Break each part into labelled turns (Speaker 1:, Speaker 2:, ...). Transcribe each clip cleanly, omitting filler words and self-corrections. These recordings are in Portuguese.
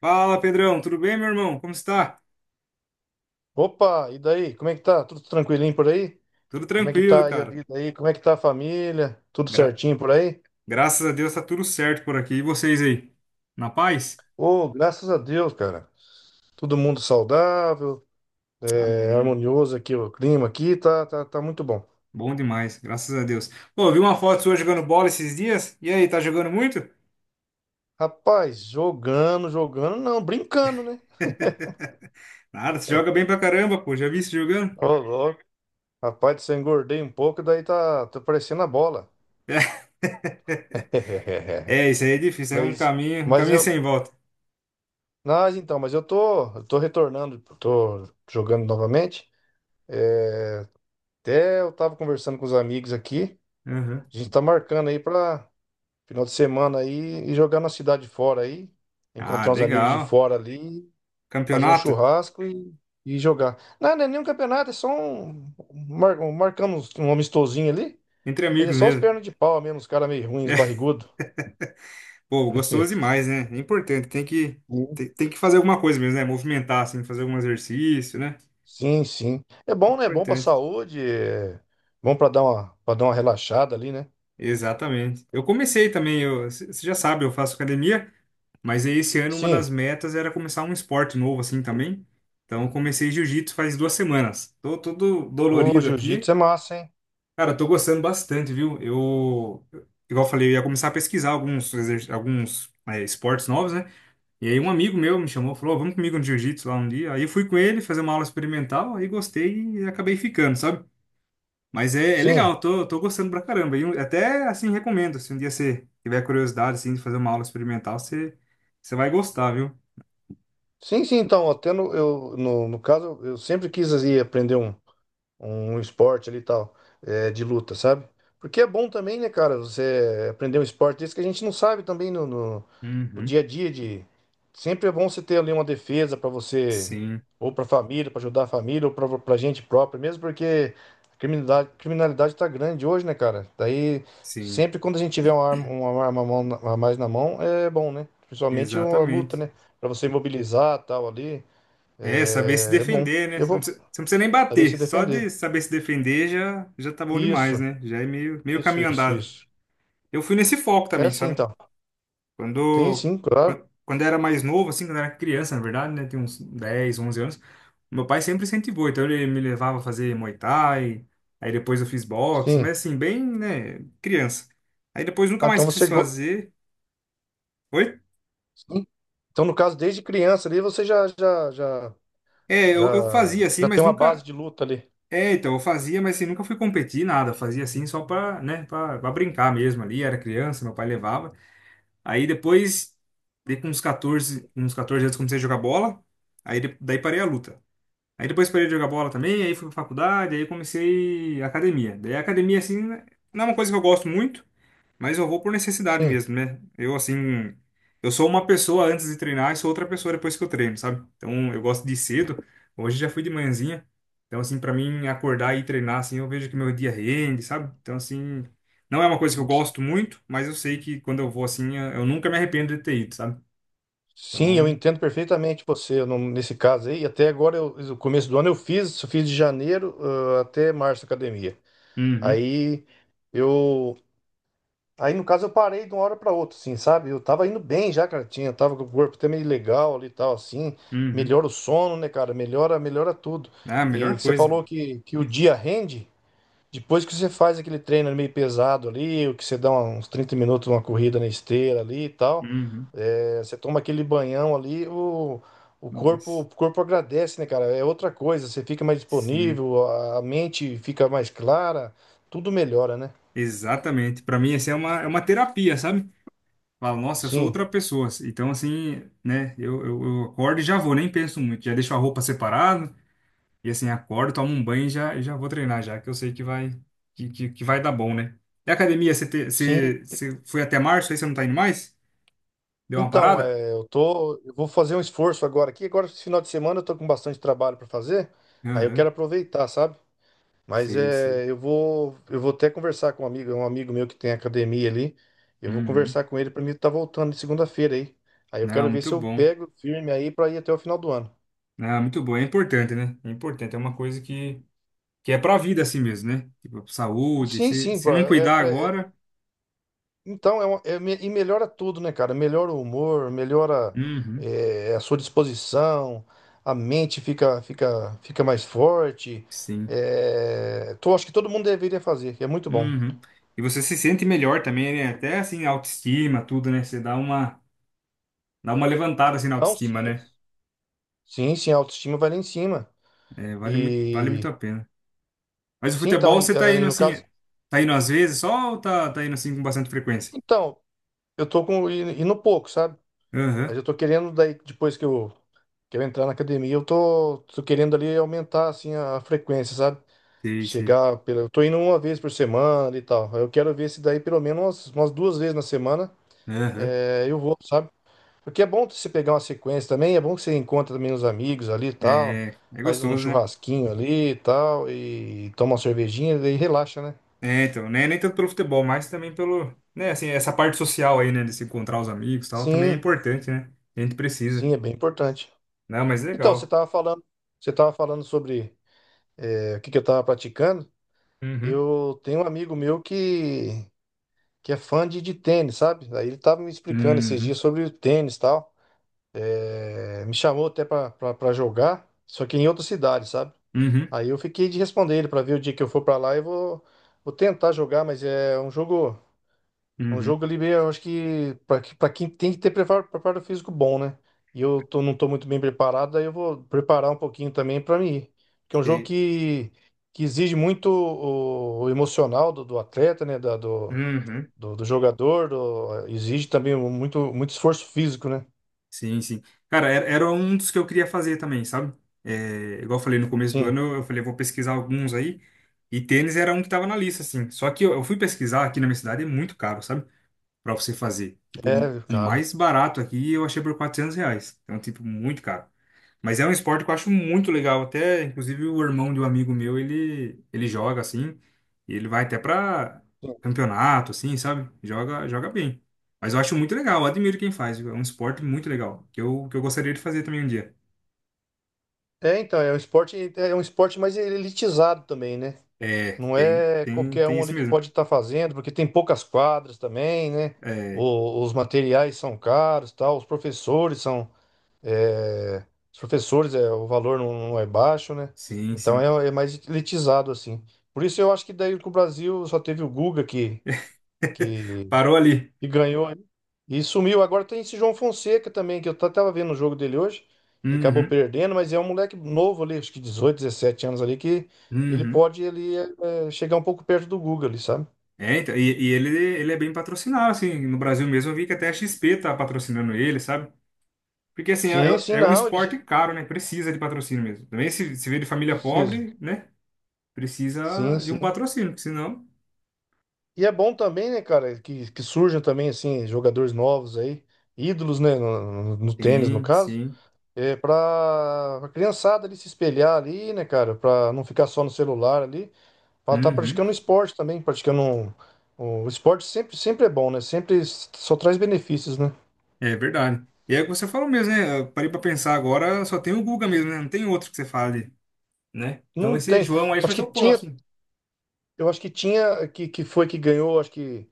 Speaker 1: Fala, Pedrão, tudo bem, meu irmão? Como está?
Speaker 2: Opa, e daí? Como é que tá? Tudo tranquilinho por aí?
Speaker 1: Tudo
Speaker 2: Como é que
Speaker 1: tranquilo,
Speaker 2: tá aí a
Speaker 1: cara.
Speaker 2: vida aí? Como é que tá a família? Tudo
Speaker 1: Gra-
Speaker 2: certinho por aí?
Speaker 1: Graças a Deus tá tudo certo por aqui. E vocês aí? Na paz?
Speaker 2: Ô, graças a Deus, cara. Todo mundo saudável,
Speaker 1: Amém.
Speaker 2: harmonioso aqui, o clima aqui tá muito bom.
Speaker 1: Bom demais, graças a Deus. Pô, eu vi uma foto sua jogando bola esses dias. E aí, tá jogando muito?
Speaker 2: Rapaz, jogando, jogando, não, brincando, né?
Speaker 1: Nada, você joga bem pra caramba, pô. Já vi você jogando?
Speaker 2: Ô, louco. Rapaz, se eu engordei um pouco, daí tá parecendo a bola.
Speaker 1: É, isso aí é difícil, é
Speaker 2: Mas,
Speaker 1: um
Speaker 2: mas
Speaker 1: caminho
Speaker 2: eu.
Speaker 1: sem volta.
Speaker 2: Mas então, mas eu tô retornando, tô jogando novamente. É, Até eu tava conversando com os amigos aqui.
Speaker 1: Uhum.
Speaker 2: A gente tá marcando aí pra final de semana aí e jogar na cidade fora aí.
Speaker 1: Ah,
Speaker 2: Encontrar uns amigos de
Speaker 1: legal.
Speaker 2: fora ali, fazer um
Speaker 1: Campeonato?
Speaker 2: churrasco e jogar. Não, não é nenhum campeonato, é só marcamos um amistosinho ali.
Speaker 1: Entre
Speaker 2: Mas é
Speaker 1: amigos
Speaker 2: só os
Speaker 1: mesmo.
Speaker 2: pernas de pau mesmo, os caras meio ruins, barrigudo.
Speaker 1: Pô, gostoso demais, né? É importante,
Speaker 2: Sim,
Speaker 1: tem que fazer alguma coisa mesmo, né? Movimentar, assim, fazer algum exercício, né?
Speaker 2: sim, sim. É bom, né? É bom pra
Speaker 1: Importante.
Speaker 2: saúde, é bom pra dar uma relaxada ali, né?
Speaker 1: Exatamente. Eu comecei também, você já sabe, eu faço academia, mas aí esse ano uma das
Speaker 2: Sim.
Speaker 1: metas era começar um esporte novo, assim, também. Então, eu comecei jiu-jitsu faz duas semanas. Tô todo
Speaker 2: O
Speaker 1: dolorido aqui.
Speaker 2: jiu-jitsu é massa, hein?
Speaker 1: Cara, tô gostando bastante, viu? Eu, igual eu falei, eu ia começar a pesquisar alguns esportes novos, né? E aí um amigo meu me chamou, falou, "Ó, vamos comigo no jiu-jitsu lá um dia. Aí eu fui com ele fazer uma aula experimental, aí gostei e acabei ficando, sabe? Mas é
Speaker 2: Sim.
Speaker 1: legal, tô gostando pra caramba. E eu até, assim, recomendo, se um dia você tiver curiosidade, assim, de fazer uma aula experimental, você vai gostar, viu?
Speaker 2: Sim, sim, então, até no, eu, no, no caso, eu sempre quis ir aprender um esporte ali e tal, de luta, sabe? Porque é bom também, né, cara, você aprender um esporte desse que a gente não sabe também no
Speaker 1: Uhum.
Speaker 2: dia a dia Sempre é bom você ter ali uma defesa pra você,
Speaker 1: Sim,
Speaker 2: ou pra família, pra ajudar a família, ou pra gente própria, mesmo porque a criminalidade, criminalidade tá grande hoje, né, cara? Daí,
Speaker 1: sim,
Speaker 2: sempre quando a gente tiver uma arma a mão a mais na mão, é bom, né? Principalmente uma luta,
Speaker 1: exatamente.
Speaker 2: né? Pra você imobilizar tal ali,
Speaker 1: É, saber se
Speaker 2: é bom.
Speaker 1: defender, né?
Speaker 2: Eu vou
Speaker 1: Você não precisa nem
Speaker 2: saber se
Speaker 1: bater, só
Speaker 2: defender.
Speaker 1: de saber se defender já tá bom demais,
Speaker 2: Isso.
Speaker 1: né? Já é meio
Speaker 2: Isso,
Speaker 1: caminho
Speaker 2: isso,
Speaker 1: andado.
Speaker 2: isso.
Speaker 1: Eu fui nesse foco
Speaker 2: É
Speaker 1: também,
Speaker 2: sim,
Speaker 1: sabe?
Speaker 2: então. Tem
Speaker 1: Quando,
Speaker 2: sim, claro.
Speaker 1: Quando eu era mais novo, assim, quando eu era criança, na verdade, né? Tinha uns 10 11 anos. Meu pai sempre incentivou, então ele me levava a fazer Muay Thai, aí depois eu fiz boxe,
Speaker 2: Sim.
Speaker 1: mas assim, bem, né, criança. Aí depois nunca
Speaker 2: Ah, então
Speaker 1: mais quis
Speaker 2: você.
Speaker 1: fazer. Oi?
Speaker 2: Sim. Então, no caso, desde criança ali, você já, já, já,
Speaker 1: É, eu fazia
Speaker 2: já,
Speaker 1: assim,
Speaker 2: já
Speaker 1: mas
Speaker 2: tem uma base
Speaker 1: nunca.
Speaker 2: de luta ali.
Speaker 1: É, então, eu fazia, mas assim, nunca fui competir, nada. Eu Fazia assim só pra pra brincar mesmo ali. Era criança, meu pai levava. Aí depois, dei com uns 14 anos, comecei a jogar bola. Daí parei a luta. Aí depois parei de jogar bola também, aí fui pra faculdade, aí comecei academia. Daí a academia, assim, não é uma coisa que eu gosto muito, mas eu vou por necessidade
Speaker 2: Sim.
Speaker 1: mesmo, né? Eu, assim, eu sou uma pessoa antes de treinar e sou outra pessoa depois que eu treino, sabe? Então eu gosto de ir cedo, hoje já fui de manhãzinha. Então, assim, pra mim acordar e treinar, assim, eu vejo que meu dia rende, sabe? Então, assim, não é uma coisa que eu gosto muito, mas eu sei que quando eu vou assim, eu nunca me arrependo de ter ido, sabe?
Speaker 2: Sim, eu
Speaker 1: Então,
Speaker 2: entendo perfeitamente você nesse caso aí. Até agora, eu, no começo do ano, eu fiz de janeiro, até março academia.
Speaker 1: uhum,
Speaker 2: Aí eu. Aí, no caso, eu parei de uma hora pra outra, assim, sabe? Eu tava indo bem já, cara. Tinha, tava com o corpo até meio legal ali e tal, assim.
Speaker 1: uhum.
Speaker 2: Melhora o sono, né, cara? Melhora, melhora tudo.
Speaker 1: Ah, a
Speaker 2: E
Speaker 1: melhor
Speaker 2: você
Speaker 1: coisa.
Speaker 2: falou que o dia rende depois que você faz aquele treino meio pesado ali, o que você dá um, uns 30 minutos, uma corrida na esteira ali e tal.
Speaker 1: Uhum.
Speaker 2: É, você toma aquele banhão ali, o, o corpo, o
Speaker 1: Nossa.
Speaker 2: corpo agradece, né, cara? É outra coisa. Você fica mais
Speaker 1: Sim,
Speaker 2: disponível, a mente fica mais clara, tudo melhora, né?
Speaker 1: exatamente. Pra mim, é uma terapia, sabe? Falo, nossa, eu sou
Speaker 2: Sim.
Speaker 1: outra pessoa. Então, assim, né? Eu acordo e já vou, nem penso muito. Já deixo a roupa separada. E assim, acordo, tomo um banho e já vou treinar, já que eu sei que vai, que vai dar bom, né? E a academia,
Speaker 2: Sim,
Speaker 1: você foi até março, aí você não tá indo mais? Deu uma
Speaker 2: então,
Speaker 1: parada?
Speaker 2: eu tô, eu vou fazer um esforço agora aqui. Agora, esse final de semana, eu tô com bastante trabalho para fazer. Aí eu
Speaker 1: Aham.
Speaker 2: quero aproveitar, sabe? Mas
Speaker 1: Sei, sei.
Speaker 2: é, eu vou até conversar com um amigo meu que tem academia ali. Eu vou
Speaker 1: Uhum.
Speaker 2: conversar com ele para mim estar voltando de segunda-feira aí. Aí eu quero
Speaker 1: Não,
Speaker 2: ver
Speaker 1: muito
Speaker 2: se eu
Speaker 1: bom.
Speaker 2: pego firme aí para ir até o final do ano.
Speaker 1: Não, muito bom. É importante, né? É importante. É uma coisa que. Que é pra vida assim mesmo, né? Tipo, saúde,
Speaker 2: Sim, sim,
Speaker 1: se
Speaker 2: pô,
Speaker 1: não cuidar agora,
Speaker 2: então, melhora tudo, né, cara? Melhora o humor, melhora
Speaker 1: uhum,
Speaker 2: a sua disposição, a mente fica mais forte.
Speaker 1: sim,
Speaker 2: Acho que todo mundo deveria fazer, que é muito bom.
Speaker 1: uhum. E você se sente melhor também, né? Até assim, autoestima, tudo, né? Dá uma levantada assim na
Speaker 2: Não,
Speaker 1: autoestima,
Speaker 2: sim.
Speaker 1: né?
Speaker 2: Sim, sim, a autoestima vai lá em cima.
Speaker 1: É, vale muito
Speaker 2: E
Speaker 1: a pena. Mas o
Speaker 2: sim, então,
Speaker 1: futebol
Speaker 2: e,
Speaker 1: você tá
Speaker 2: ah, e
Speaker 1: indo
Speaker 2: no
Speaker 1: assim,
Speaker 2: caso.
Speaker 1: tá indo às vezes só ou tá indo assim com bastante frequência?
Speaker 2: Então, eu tô com. E no pouco, sabe?
Speaker 1: Aham,
Speaker 2: Mas eu tô querendo, daí, depois que eu entrar na academia, eu tô querendo ali aumentar assim, a frequência, sabe?
Speaker 1: sei, sei.
Speaker 2: Chegar, eu tô indo uma vez por semana e tal. Eu quero ver se daí pelo menos umas, umas 2 vezes na semana
Speaker 1: Aham.
Speaker 2: eu vou, sabe? Porque é bom você pegar uma sequência também, é bom que você encontra também os amigos ali e tal,
Speaker 1: É, é
Speaker 2: faz um
Speaker 1: gostoso, né?
Speaker 2: churrasquinho ali e tal, e toma uma cervejinha e daí relaxa, né?
Speaker 1: É, então, né? Nem tanto pelo futebol, mas também pelo, né, assim, essa parte social aí, né, de se encontrar os amigos e tal, também é
Speaker 2: Sim,
Speaker 1: importante, né? A gente precisa.
Speaker 2: sim, é bem importante.
Speaker 1: Não, mas
Speaker 2: Então,
Speaker 1: legal.
Speaker 2: você tava falando sobre o que que eu tava praticando.
Speaker 1: Uhum.
Speaker 2: Eu tenho um amigo meu que é fã de tênis, sabe? Aí ele tava me explicando esses dias
Speaker 1: Uhum.
Speaker 2: sobre o tênis e tal. Me chamou até pra jogar, só que em outra cidade, sabe?
Speaker 1: Uhum.
Speaker 2: Aí eu fiquei de responder ele pra ver o dia que eu for pra lá eu vou tentar jogar, mas é um
Speaker 1: Uhum.
Speaker 2: jogo ali, meio, eu acho que pra quem tem que ter preparo, preparo físico bom, né? E eu não tô muito bem preparado, aí eu vou preparar um pouquinho também pra mim ir. Porque é um jogo
Speaker 1: Sei.
Speaker 2: que exige muito o emocional do atleta, né? Da- do,
Speaker 1: Uhum.
Speaker 2: do, do jogador, exige também muito, muito esforço físico, né?
Speaker 1: Sim, sim. Cara, era um dos que eu queria fazer também, sabe? É, igual eu falei no começo do
Speaker 2: Sim,
Speaker 1: ano, eu falei, eu vou pesquisar alguns aí, e tênis era um que tava na lista, assim. Só que eu fui pesquisar aqui na minha cidade, é muito caro, sabe? Pra você fazer. Tipo,
Speaker 2: é,
Speaker 1: o
Speaker 2: cara.
Speaker 1: mais barato aqui eu achei por 400 reais. Então, tipo, muito caro. Mas é um esporte que eu acho muito legal. Até, inclusive, o irmão de um amigo meu, ele joga assim. E ele vai até pra campeonato, assim, sabe? Joga, joga bem. Mas eu acho muito legal, eu admiro quem faz. É um esporte muito legal, que eu gostaria de fazer também um dia.
Speaker 2: É, então, é um esporte, é é um esporte mais elitizado também, né?
Speaker 1: É,
Speaker 2: Não é qualquer
Speaker 1: tem
Speaker 2: um
Speaker 1: isso
Speaker 2: ali que
Speaker 1: mesmo.
Speaker 2: pode estar fazendo, porque tem poucas quadras também, né?
Speaker 1: É,
Speaker 2: Os materiais são caros, tal, os professores são, é, os professores, é, o valor não é baixo, né?
Speaker 1: sim,
Speaker 2: Então
Speaker 1: sim.
Speaker 2: é mais elitizado assim. Por isso eu acho que daí que o Brasil só teve o Guga que, que
Speaker 1: Parou ali.
Speaker 2: ganhou aí. E sumiu. Agora tem esse João Fonseca também, que eu tava vendo o jogo dele hoje. Ele acabou
Speaker 1: Uhum,
Speaker 2: perdendo, mas é um moleque novo ali, acho que 18 17 anos ali, que ele
Speaker 1: uhum.
Speaker 2: pode chegar um pouco perto do Guga ali, sabe?
Speaker 1: É, então, e ele é bem patrocinado, assim, no Brasil mesmo eu vi que até a XP tá patrocinando ele, sabe? Porque, assim, é,
Speaker 2: Sim, sim,
Speaker 1: é é um
Speaker 2: não,
Speaker 1: esporte caro, né? Precisa de patrocínio mesmo. Também se vê de família
Speaker 2: precisa.
Speaker 1: pobre, né?
Speaker 2: Sim,
Speaker 1: Precisa de
Speaker 2: sim.
Speaker 1: um patrocínio, porque senão...
Speaker 2: E é bom também, né, cara, que surjam também, assim, jogadores novos aí, ídolos, né, no tênis, no
Speaker 1: Sim,
Speaker 2: caso,
Speaker 1: sim.
Speaker 2: pra, pra criançada ali se espelhar ali, né, cara, pra não ficar só no celular ali. Pra estar
Speaker 1: Uhum.
Speaker 2: praticando esporte também, praticando o esporte sempre, sempre é bom, né? Sempre só traz benefícios, né?
Speaker 1: É verdade. E é o que você falou mesmo, né? Eu parei pra pensar agora, só tem o Guga mesmo, né? Não tem outro que você fale, né? Então
Speaker 2: Não
Speaker 1: esse
Speaker 2: tem.
Speaker 1: João aí vai
Speaker 2: Acho
Speaker 1: ser
Speaker 2: que
Speaker 1: o
Speaker 2: tinha,
Speaker 1: próximo.
Speaker 2: eu acho que tinha que foi que ganhou, acho que,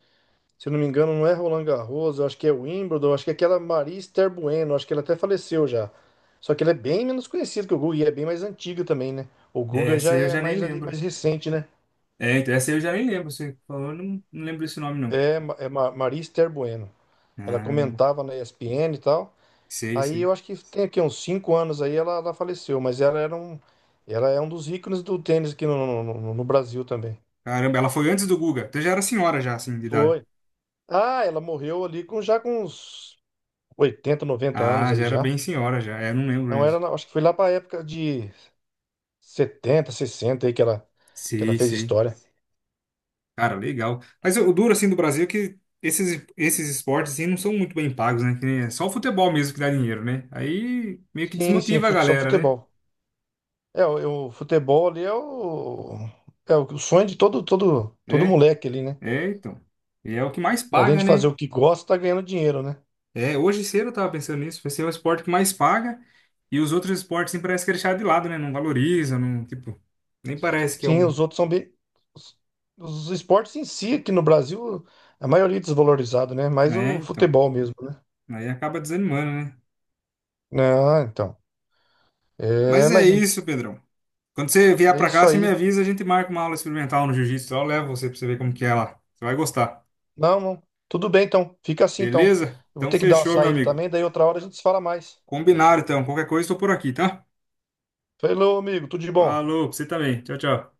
Speaker 2: se eu não me engano, não é Roland Garros, eu acho que é Wimbledon, acho que é aquela Maria Esther Bueno, acho que ela até faleceu já. Só que ela é bem menos conhecida que o Guga e é bem mais antiga também, né? O
Speaker 1: É,
Speaker 2: Guga já
Speaker 1: esse eu
Speaker 2: é
Speaker 1: já nem
Speaker 2: mais ali
Speaker 1: lembro.
Speaker 2: mais recente, né?
Speaker 1: É, então essa eu já nem lembro. Você falou, eu não lembro esse nome, não.
Speaker 2: Maria Esther Bueno. Ela
Speaker 1: Ah,
Speaker 2: comentava na ESPN e tal.
Speaker 1: sei,
Speaker 2: Aí
Speaker 1: sei.
Speaker 2: eu acho que tem aqui uns 5 anos aí ela faleceu, mas ela era um, ela é um dos ícones do tênis aqui no Brasil também.
Speaker 1: Caramba, ela foi antes do Guga. Então já era senhora já, assim, de idade.
Speaker 2: Foi. Ah, ela morreu ali com já com uns 80, 90 anos
Speaker 1: Ah,
Speaker 2: ali
Speaker 1: já era
Speaker 2: já.
Speaker 1: bem senhora já. É, não lembro
Speaker 2: Então era,
Speaker 1: mesmo.
Speaker 2: acho que foi lá para a época de 70, 60 aí que ela
Speaker 1: Sei,
Speaker 2: fez
Speaker 1: sei.
Speaker 2: história.
Speaker 1: Cara, legal. Mas o duro, assim, do Brasil é que esses esportes, assim, não são muito bem pagos, né? Que nem- É só o futebol mesmo que dá dinheiro, né? Aí meio que
Speaker 2: Sim, sim,
Speaker 1: desmotiva a
Speaker 2: só
Speaker 1: galera, né?
Speaker 2: futebol. É, o futebol ali é o, é o sonho de todo, todo, todo
Speaker 1: É,
Speaker 2: moleque ali, né?
Speaker 1: então. E é o que mais
Speaker 2: Além
Speaker 1: paga,
Speaker 2: de fazer
Speaker 1: né?
Speaker 2: o que gosta, tá ganhando dinheiro, né?
Speaker 1: É, hoje cedo eu tava pensando nisso. Vai ser o esporte que mais paga e os outros esportes, assim, parece que é deixado de lado, né? Não valoriza, não, tipo, nem parece que é
Speaker 2: Sim,
Speaker 1: um...
Speaker 2: os outros são bem. Os, os esportes em si, aqui no Brasil, a maioria é desvalorizado, né? Mais
Speaker 1: É,
Speaker 2: o
Speaker 1: então.
Speaker 2: futebol mesmo, né?
Speaker 1: Aí acaba desanimando, né?
Speaker 2: Não, então.
Speaker 1: Mas é
Speaker 2: Mas
Speaker 1: isso, Pedrão. Quando você vier
Speaker 2: é
Speaker 1: pra cá,
Speaker 2: isso
Speaker 1: você me
Speaker 2: aí.
Speaker 1: avisa, a gente marca uma aula experimental no jiu-jitsu. Eu levo você pra você ver como que é lá. Você vai gostar.
Speaker 2: Não, não. Tudo bem, então. Fica assim, então.
Speaker 1: Beleza?
Speaker 2: Eu vou
Speaker 1: Então
Speaker 2: ter que dar uma
Speaker 1: fechou, meu
Speaker 2: saída
Speaker 1: amigo.
Speaker 2: também, daí outra hora a gente se fala mais.
Speaker 1: Combinado, então. Qualquer coisa, estou por aqui, tá?
Speaker 2: Falou, amigo. Tudo de bom.
Speaker 1: Falou, pra você também. Tchau, tchau.